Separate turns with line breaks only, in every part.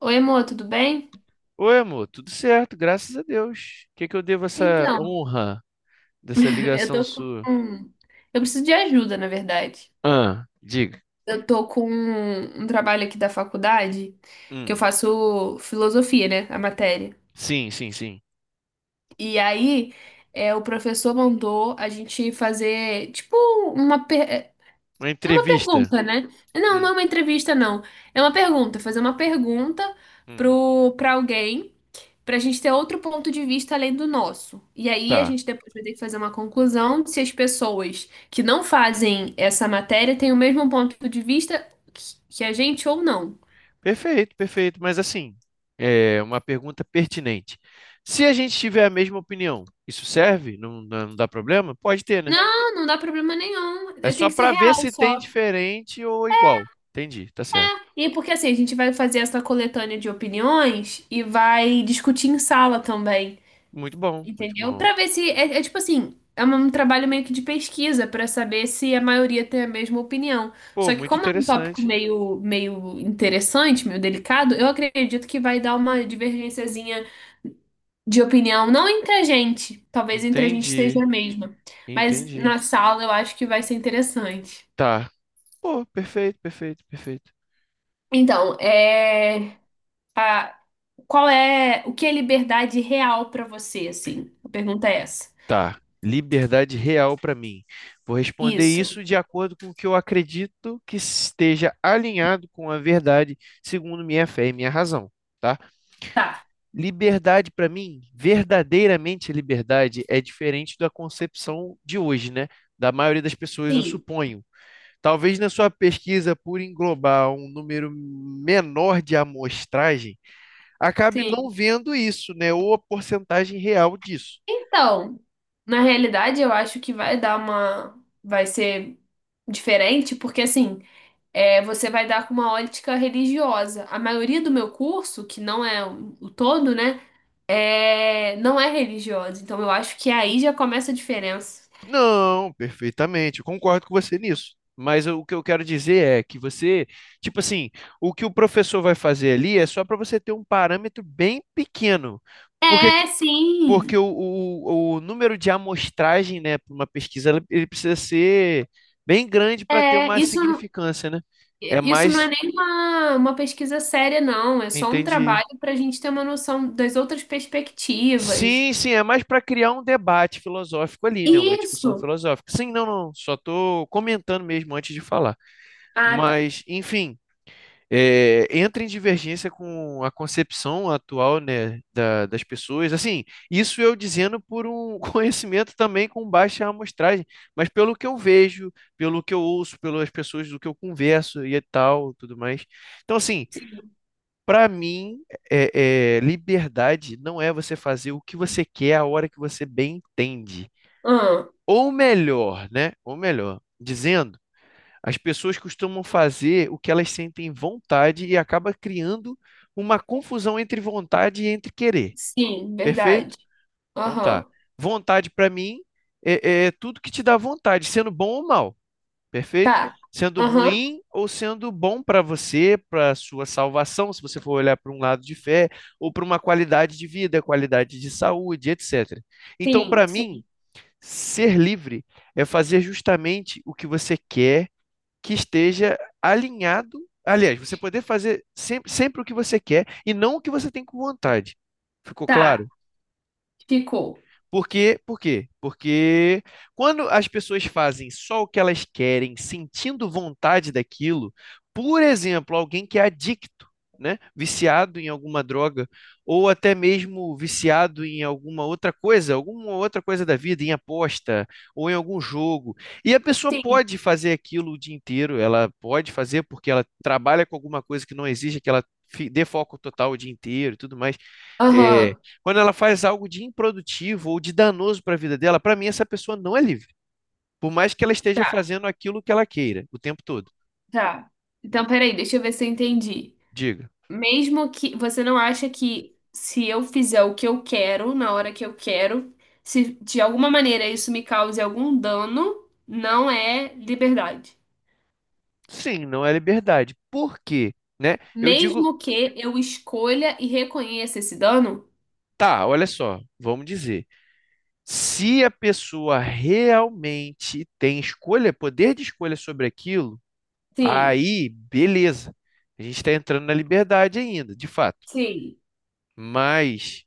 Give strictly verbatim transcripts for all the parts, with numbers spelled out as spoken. Oi, amor, tudo bem?
Oi, amor, tudo certo, graças a Deus. O que que eu devo essa
Então,
honra dessa
eu
ligação
tô com.
sua?
Eu preciso de ajuda, na verdade.
Ah, diga.
Eu tô com um um trabalho aqui da faculdade, que eu
Hum,
faço filosofia, né? A matéria.
sim, sim, sim.
E aí, é, o professor mandou a gente fazer, tipo, uma. Per- É
Uma
é uma
entrevista.
pergunta, né? Não, não
Hum,
é uma entrevista, não. É uma pergunta. Fazer uma pergunta
hum,
pro... pra alguém, para a gente ter outro ponto de vista além do nosso. E aí a
tá.
gente depois vai ter que fazer uma conclusão de se as pessoas que não fazem essa matéria têm o mesmo ponto de vista que que a gente ou não.
Perfeito, perfeito. Mas assim, é uma pergunta pertinente. Se a gente tiver a mesma opinião, isso serve? Não, não não dá problema? Pode ter, né?
Não, não dá problema nenhum.
É
É, tem
só
que ser
para ver
real
se tem
só.
diferente ou igual. Entendi, tá certo.
E porque assim, a gente vai fazer essa coletânea de opiniões e vai discutir em sala também.
Muito bom, muito
Entendeu?
bom.
Pra ver se é, é tipo assim, é um um trabalho meio que de pesquisa pra saber se a maioria tem a mesma opinião.
Pô,
Só que
muito
como é um tópico
interessante.
meio meio interessante, meio delicado, eu acredito que vai dar uma divergênciazinha de opinião, não entre a gente, talvez entre a gente seja
Entendi,
a mesma, mas
entendi.
na sala eu acho que vai ser interessante.
Tá. Pô, perfeito, perfeito, perfeito.
Então, é a- qual é, o que é liberdade real pra você, assim? A pergunta é essa.
Tá. Liberdade real para mim. Vou responder
Isso.
isso de acordo com o que eu acredito que esteja alinhado com a verdade, segundo minha fé e minha razão, tá?
Tá.
Liberdade para mim, verdadeiramente liberdade é diferente da concepção de hoje, né? Da maioria das pessoas, eu
Sim.
suponho. Talvez na sua pesquisa, por englobar um número menor de amostragem, acabe não
Sim.
vendo isso, né? Ou a porcentagem real disso.
Então, na realidade, eu acho que vai dar uma. vai ser diferente, porque assim, é, você vai dar com uma ótica religiosa. A maioria do meu curso, que não é o o todo, né? É... Não é religiosa. Então, eu acho que aí já começa a diferença.
Não, perfeitamente, eu concordo com você nisso. Mas eu- o que eu quero dizer é que você, tipo assim, o que o professor vai fazer ali é só para você ter um parâmetro bem pequeno. Porque,
É,
porque
sim.
o, o, o número de amostragem, né, para uma pesquisa, ele ele precisa ser bem grande para ter
É,
uma
isso, não-
significância, né? É
isso não é
mais,
nem uma, uma pesquisa séria, não. É só um
entendi.
trabalho para a gente ter uma noção das outras perspectivas.
Sim, sim, é mais para criar um debate filosófico ali, né? Uma discussão
Isso.
filosófica. Sim, não, não, só estou comentando mesmo antes de falar.
Ah, tá.
Mas, enfim. É, entra em divergência com a concepção atual, né, da- das pessoas. Assim, isso eu dizendo por um conhecimento também com baixa amostragem, mas pelo que eu vejo, pelo que eu ouço, pelas pessoas do que eu converso e tal, tudo mais. Então, assim,
Sim.
para mim, é, é, liberdade não é você fazer o que você quer a hora que você bem entende. Ou melhor, né? Ou melhor, dizendo as pessoas costumam fazer o que elas sentem vontade e acaba criando uma confusão entre vontade e entre querer.
Sim,
Perfeito?
verdade.
Então tá.
Aham.
Vontade para mim é, é tudo que te dá vontade, sendo bom ou mal. Perfeito?
Tá.
Sendo
Aham.
ruim ou sendo bom para você, para sua salvação, se você for olhar para um lado de fé, ou para uma qualidade de vida, qualidade de saúde, etcétera. Então,
Sim,
para mim,
sim.
ser livre é fazer justamente o que você quer que esteja alinhado. Aliás, você poder fazer sempre, sempre o que você quer e não o que você tem com vontade. Ficou
Tá.
claro?
Ficou.
Por quê? Por quê? Porque quando as pessoas fazem só o que elas querem, sentindo vontade daquilo, por exemplo, alguém que é adicto, né? Viciado em alguma droga, ou até mesmo viciado em alguma outra coisa, alguma outra coisa da vida, em aposta, ou em algum jogo. E a pessoa
Sim.
pode fazer aquilo o dia inteiro, ela pode fazer porque ela trabalha com alguma coisa que não exige que ela fi- dê foco total o dia inteiro e tudo mais. é,
Aham.
Quando ela faz algo de improdutivo ou de danoso para a vida dela, para mim essa pessoa não é livre. Por mais que ela esteja
Tá,
fazendo aquilo que ela queira o tempo todo.
tá. Então, peraí, deixa eu ver se eu entendi.
Diga.
Mesmo que você não acha que se eu fizer o que eu quero na hora que eu quero, se de alguma maneira isso me cause algum dano, não é liberdade.
Sim, não é liberdade. Por quê? Né? Eu digo,
Mesmo que eu escolha e reconheça esse dano?
tá, olha só, vamos dizer. Se a pessoa realmente tem escolha, poder de escolha sobre aquilo,
Sim,
aí beleza. A gente está entrando na liberdade ainda, de fato.
sim,
Mas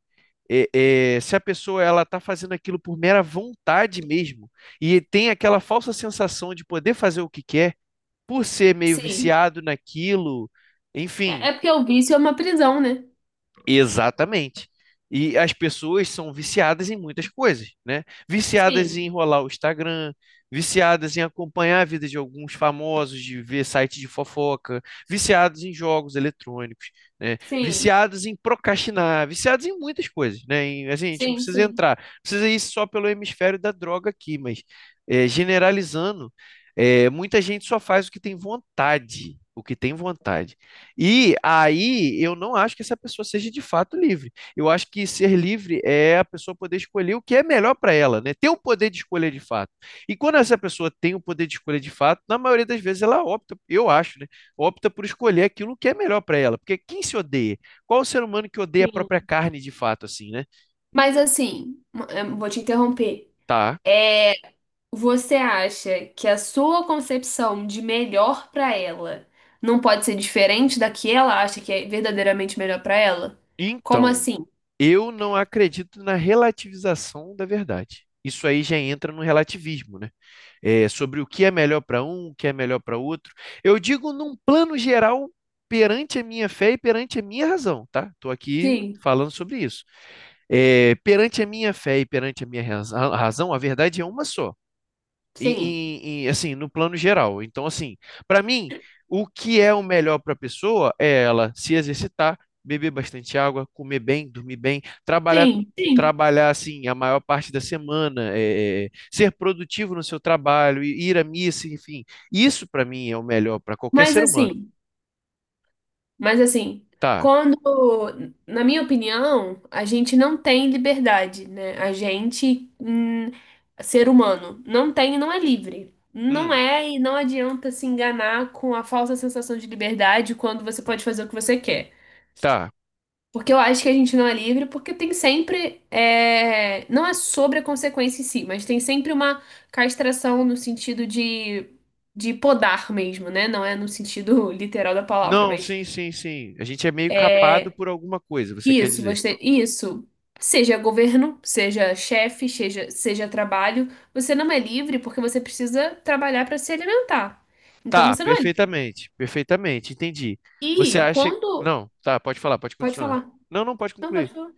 é, é, se a pessoa ela está fazendo aquilo por mera vontade mesmo e tem aquela falsa sensação de poder fazer o que quer, por ser meio
sim.
viciado naquilo,
É
enfim.
é porque o vício é uma prisão, né?
Exatamente. E as pessoas são viciadas em muitas coisas, né? Viciadas em
Sim.
enrolar o Instagram, viciadas em acompanhar a vida de alguns famosos, de ver site de fofoca, viciados em jogos eletrônicos, né?
Sim,
Viciados em procrastinar, viciados em muitas coisas, né? E, assim, a gente não
sim,
precisa
sim,
entrar, precisa ir só pelo hemisfério da droga aqui, mas é, generalizando, é, muita gente só faz o que tem vontade, o que tem vontade. E aí eu não acho que essa pessoa seja de fato livre. Eu acho que ser livre é a pessoa poder escolher o que é melhor para ela, né? Ter o poder de escolher de fato. E quando essa pessoa tem o poder de escolher de fato, na maioria das vezes ela opta, eu acho, né? Opta por escolher aquilo que é melhor para ela. Porque quem se odeia? Qual o ser humano que odeia a própria
sim.
carne de fato, assim, né?
Mas assim, m- eh, vou te interromper.
Tá.
É, você acha que a sua concepção de melhor pra ela não pode ser diferente da que ela acha que é verdadeiramente melhor pra ela? Como
Então,
assim?
eu não acredito na relativização da verdade. Isso aí já entra no relativismo, né? É, sobre o que é melhor para um, o que é melhor para outro. Eu digo num plano geral perante a minha fé e perante a minha razão, tá? Estou aqui
Sim,
falando sobre isso. É, perante a minha fé e perante a minha razão, a verdade é uma só em,
sim,
em- em, assim, no plano geral. Então, assim, para mim, o que é o melhor para a pessoa é ela se exercitar, beber bastante água, comer bem, dormir bem, trabalhar,
sim, sim.
trabalhar assim a maior parte da semana, é, é, ser produtivo no seu trabalho, i- ir à missa, enfim. Isso para mim é o melhor para qualquer
Mas
ser humano.
assim, Mas assim,
Tá.
quando, na minha opinião, a gente não tem liberdade, né? A gente, hum, ser humano, não tem e não é livre. Não
Hum,
é, e não adianta se enganar com a falsa sensação de liberdade quando você pode fazer o que você quer.
tá.
Porque eu acho que a gente não é livre, porque tem sempre. é, não é sobre a consequência em si, mas tem sempre uma castração no sentido de, de podar mesmo, né? Não é no sentido literal da palavra,
Não,
mas.
sim, sim, sim. A gente é meio capado por alguma coisa, você quer
Isso,
dizer.
você, isso. Seja governo, seja chefe, seja, seja trabalho, você não é livre porque você precisa trabalhar para se alimentar. Então
Tá,
você não é livre.
perfeitamente, perfeitamente, entendi. Você
E
acha.
quando.
Não, tá, pode falar, pode
Pode
continuar.
falar.
Não, não pode
Não,
concluir.
pode falar.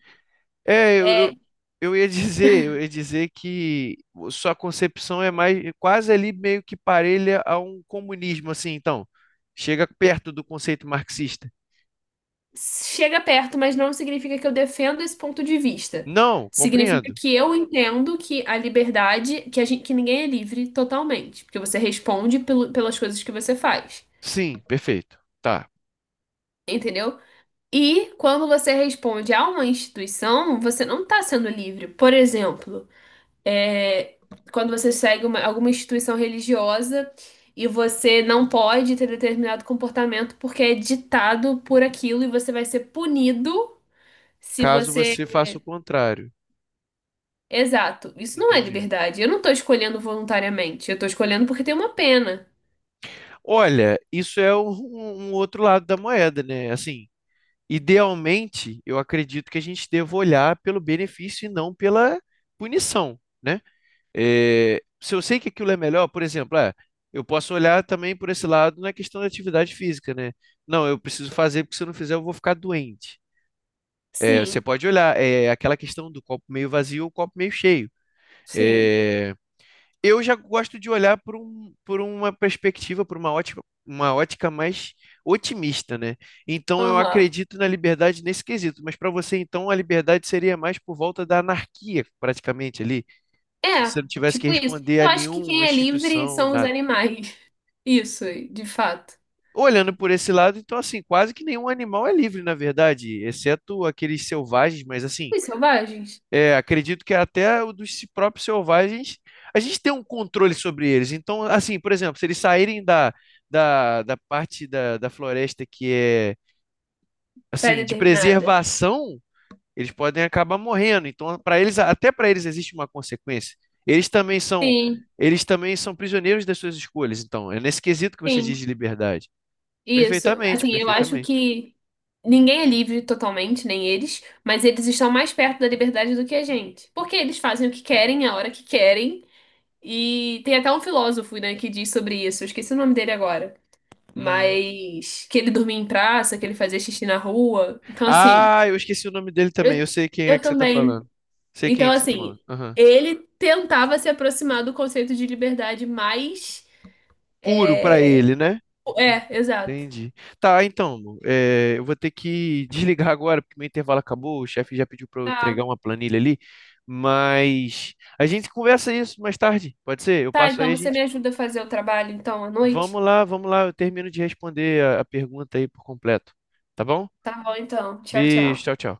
É, eu,
É,
eu, eu ia dizer, eu ia dizer que sua concepção é mais quase ali meio que parelha a um comunismo, assim, então. Chega perto do conceito marxista.
chega perto, mas não significa que eu defendo esse ponto de vista.
Não,
Significa
compreendo.
que eu entendo que a liberdade, que a gente, que ninguém é livre totalmente, porque você responde pelo- pelas coisas que você faz.
Sim, perfeito. Tá.
Entendeu? E quando você responde a uma instituição, você não está sendo livre. Por exemplo, é, quando você segue uma- alguma instituição religiosa e você não pode ter determinado comportamento porque é ditado por aquilo e você vai ser punido se
Caso
você.
você faça o contrário.
Exato, isso não é
Entendi.
liberdade. Eu não estou escolhendo voluntariamente, eu estou escolhendo porque tem uma pena.
Olha, isso é um, um outro lado da moeda, né? Assim, idealmente, eu acredito que a gente deva olhar pelo benefício e não pela punição, né? É, se eu sei que aquilo é melhor, por exemplo, ah, eu posso olhar também por esse lado na questão da atividade física, né? Não, eu preciso fazer porque se eu não fizer eu vou ficar doente. É, você
Sim,
pode olhar, é aquela questão do copo meio vazio ou copo meio cheio.
sim.
É, eu já gosto de olhar por, um, por uma perspectiva, por uma ótica, uma ótica mais otimista, né? Então eu
Aham.
acredito na liberdade nesse quesito, mas para você então a liberdade seria mais por volta da anarquia, praticamente ali, se
É,
você não tivesse que
tipo isso.
responder
Eu
a
acho que quem
nenhuma
é livre
instituição,
são os
nada.
animais. Isso, de fato.
Olhando por esse lado, então assim, quase que nenhum animal é livre, na verdade, exceto aqueles selvagens, mas assim,
Os selvagens,
é, acredito que até o dos si, próprios selvagens, a gente tem um controle sobre eles. Então, assim, por exemplo, se eles saírem da, da, da parte da, da floresta que é, assim, de
pré-determinada.
preservação, eles podem acabar morrendo. Então, para eles, até para eles existe uma consequência. Eles também são,
Sim,
eles também são prisioneiros das suas escolhas. Então, é nesse quesito que você diz
sim,
de liberdade.
isso.
Perfeitamente,
Assim, eu acho
perfeitamente.
que ninguém é livre totalmente, nem eles, mas eles estão mais perto da liberdade do que a gente. Porque eles fazem o que querem, a hora que querem. E tem até um filósofo, né, que diz sobre isso. Eu esqueci o nome dele agora.
Hum.
Mas que ele dormia em praça, que ele fazia xixi na rua. Então, assim,
Ah, eu esqueci o nome dele também. Eu
eu,
sei quem é
eu
que você está
também.
falando. Sei quem é
Então,
que você está
assim,
falando. Aham.
ele tentava se aproximar do conceito de liberdade mais.
Puro para ele,
eh,
né?
É, exato.
Entendi. Tá, então, Lu, é, eu vou ter que desligar agora, porque meu intervalo acabou. O chefe já pediu para eu entregar
Tá.
uma planilha ali. Mas a gente conversa isso mais tarde, pode ser? Eu
Tá,
passo
então
aí, a
você me
gente.
ajuda a fazer o trabalho então à noite?
Vamos lá, vamos lá, eu termino de responder a a pergunta aí por completo. Tá bom?
Tá bom, então. Tchau,
Beijo, tchau,
tchau.
tchau.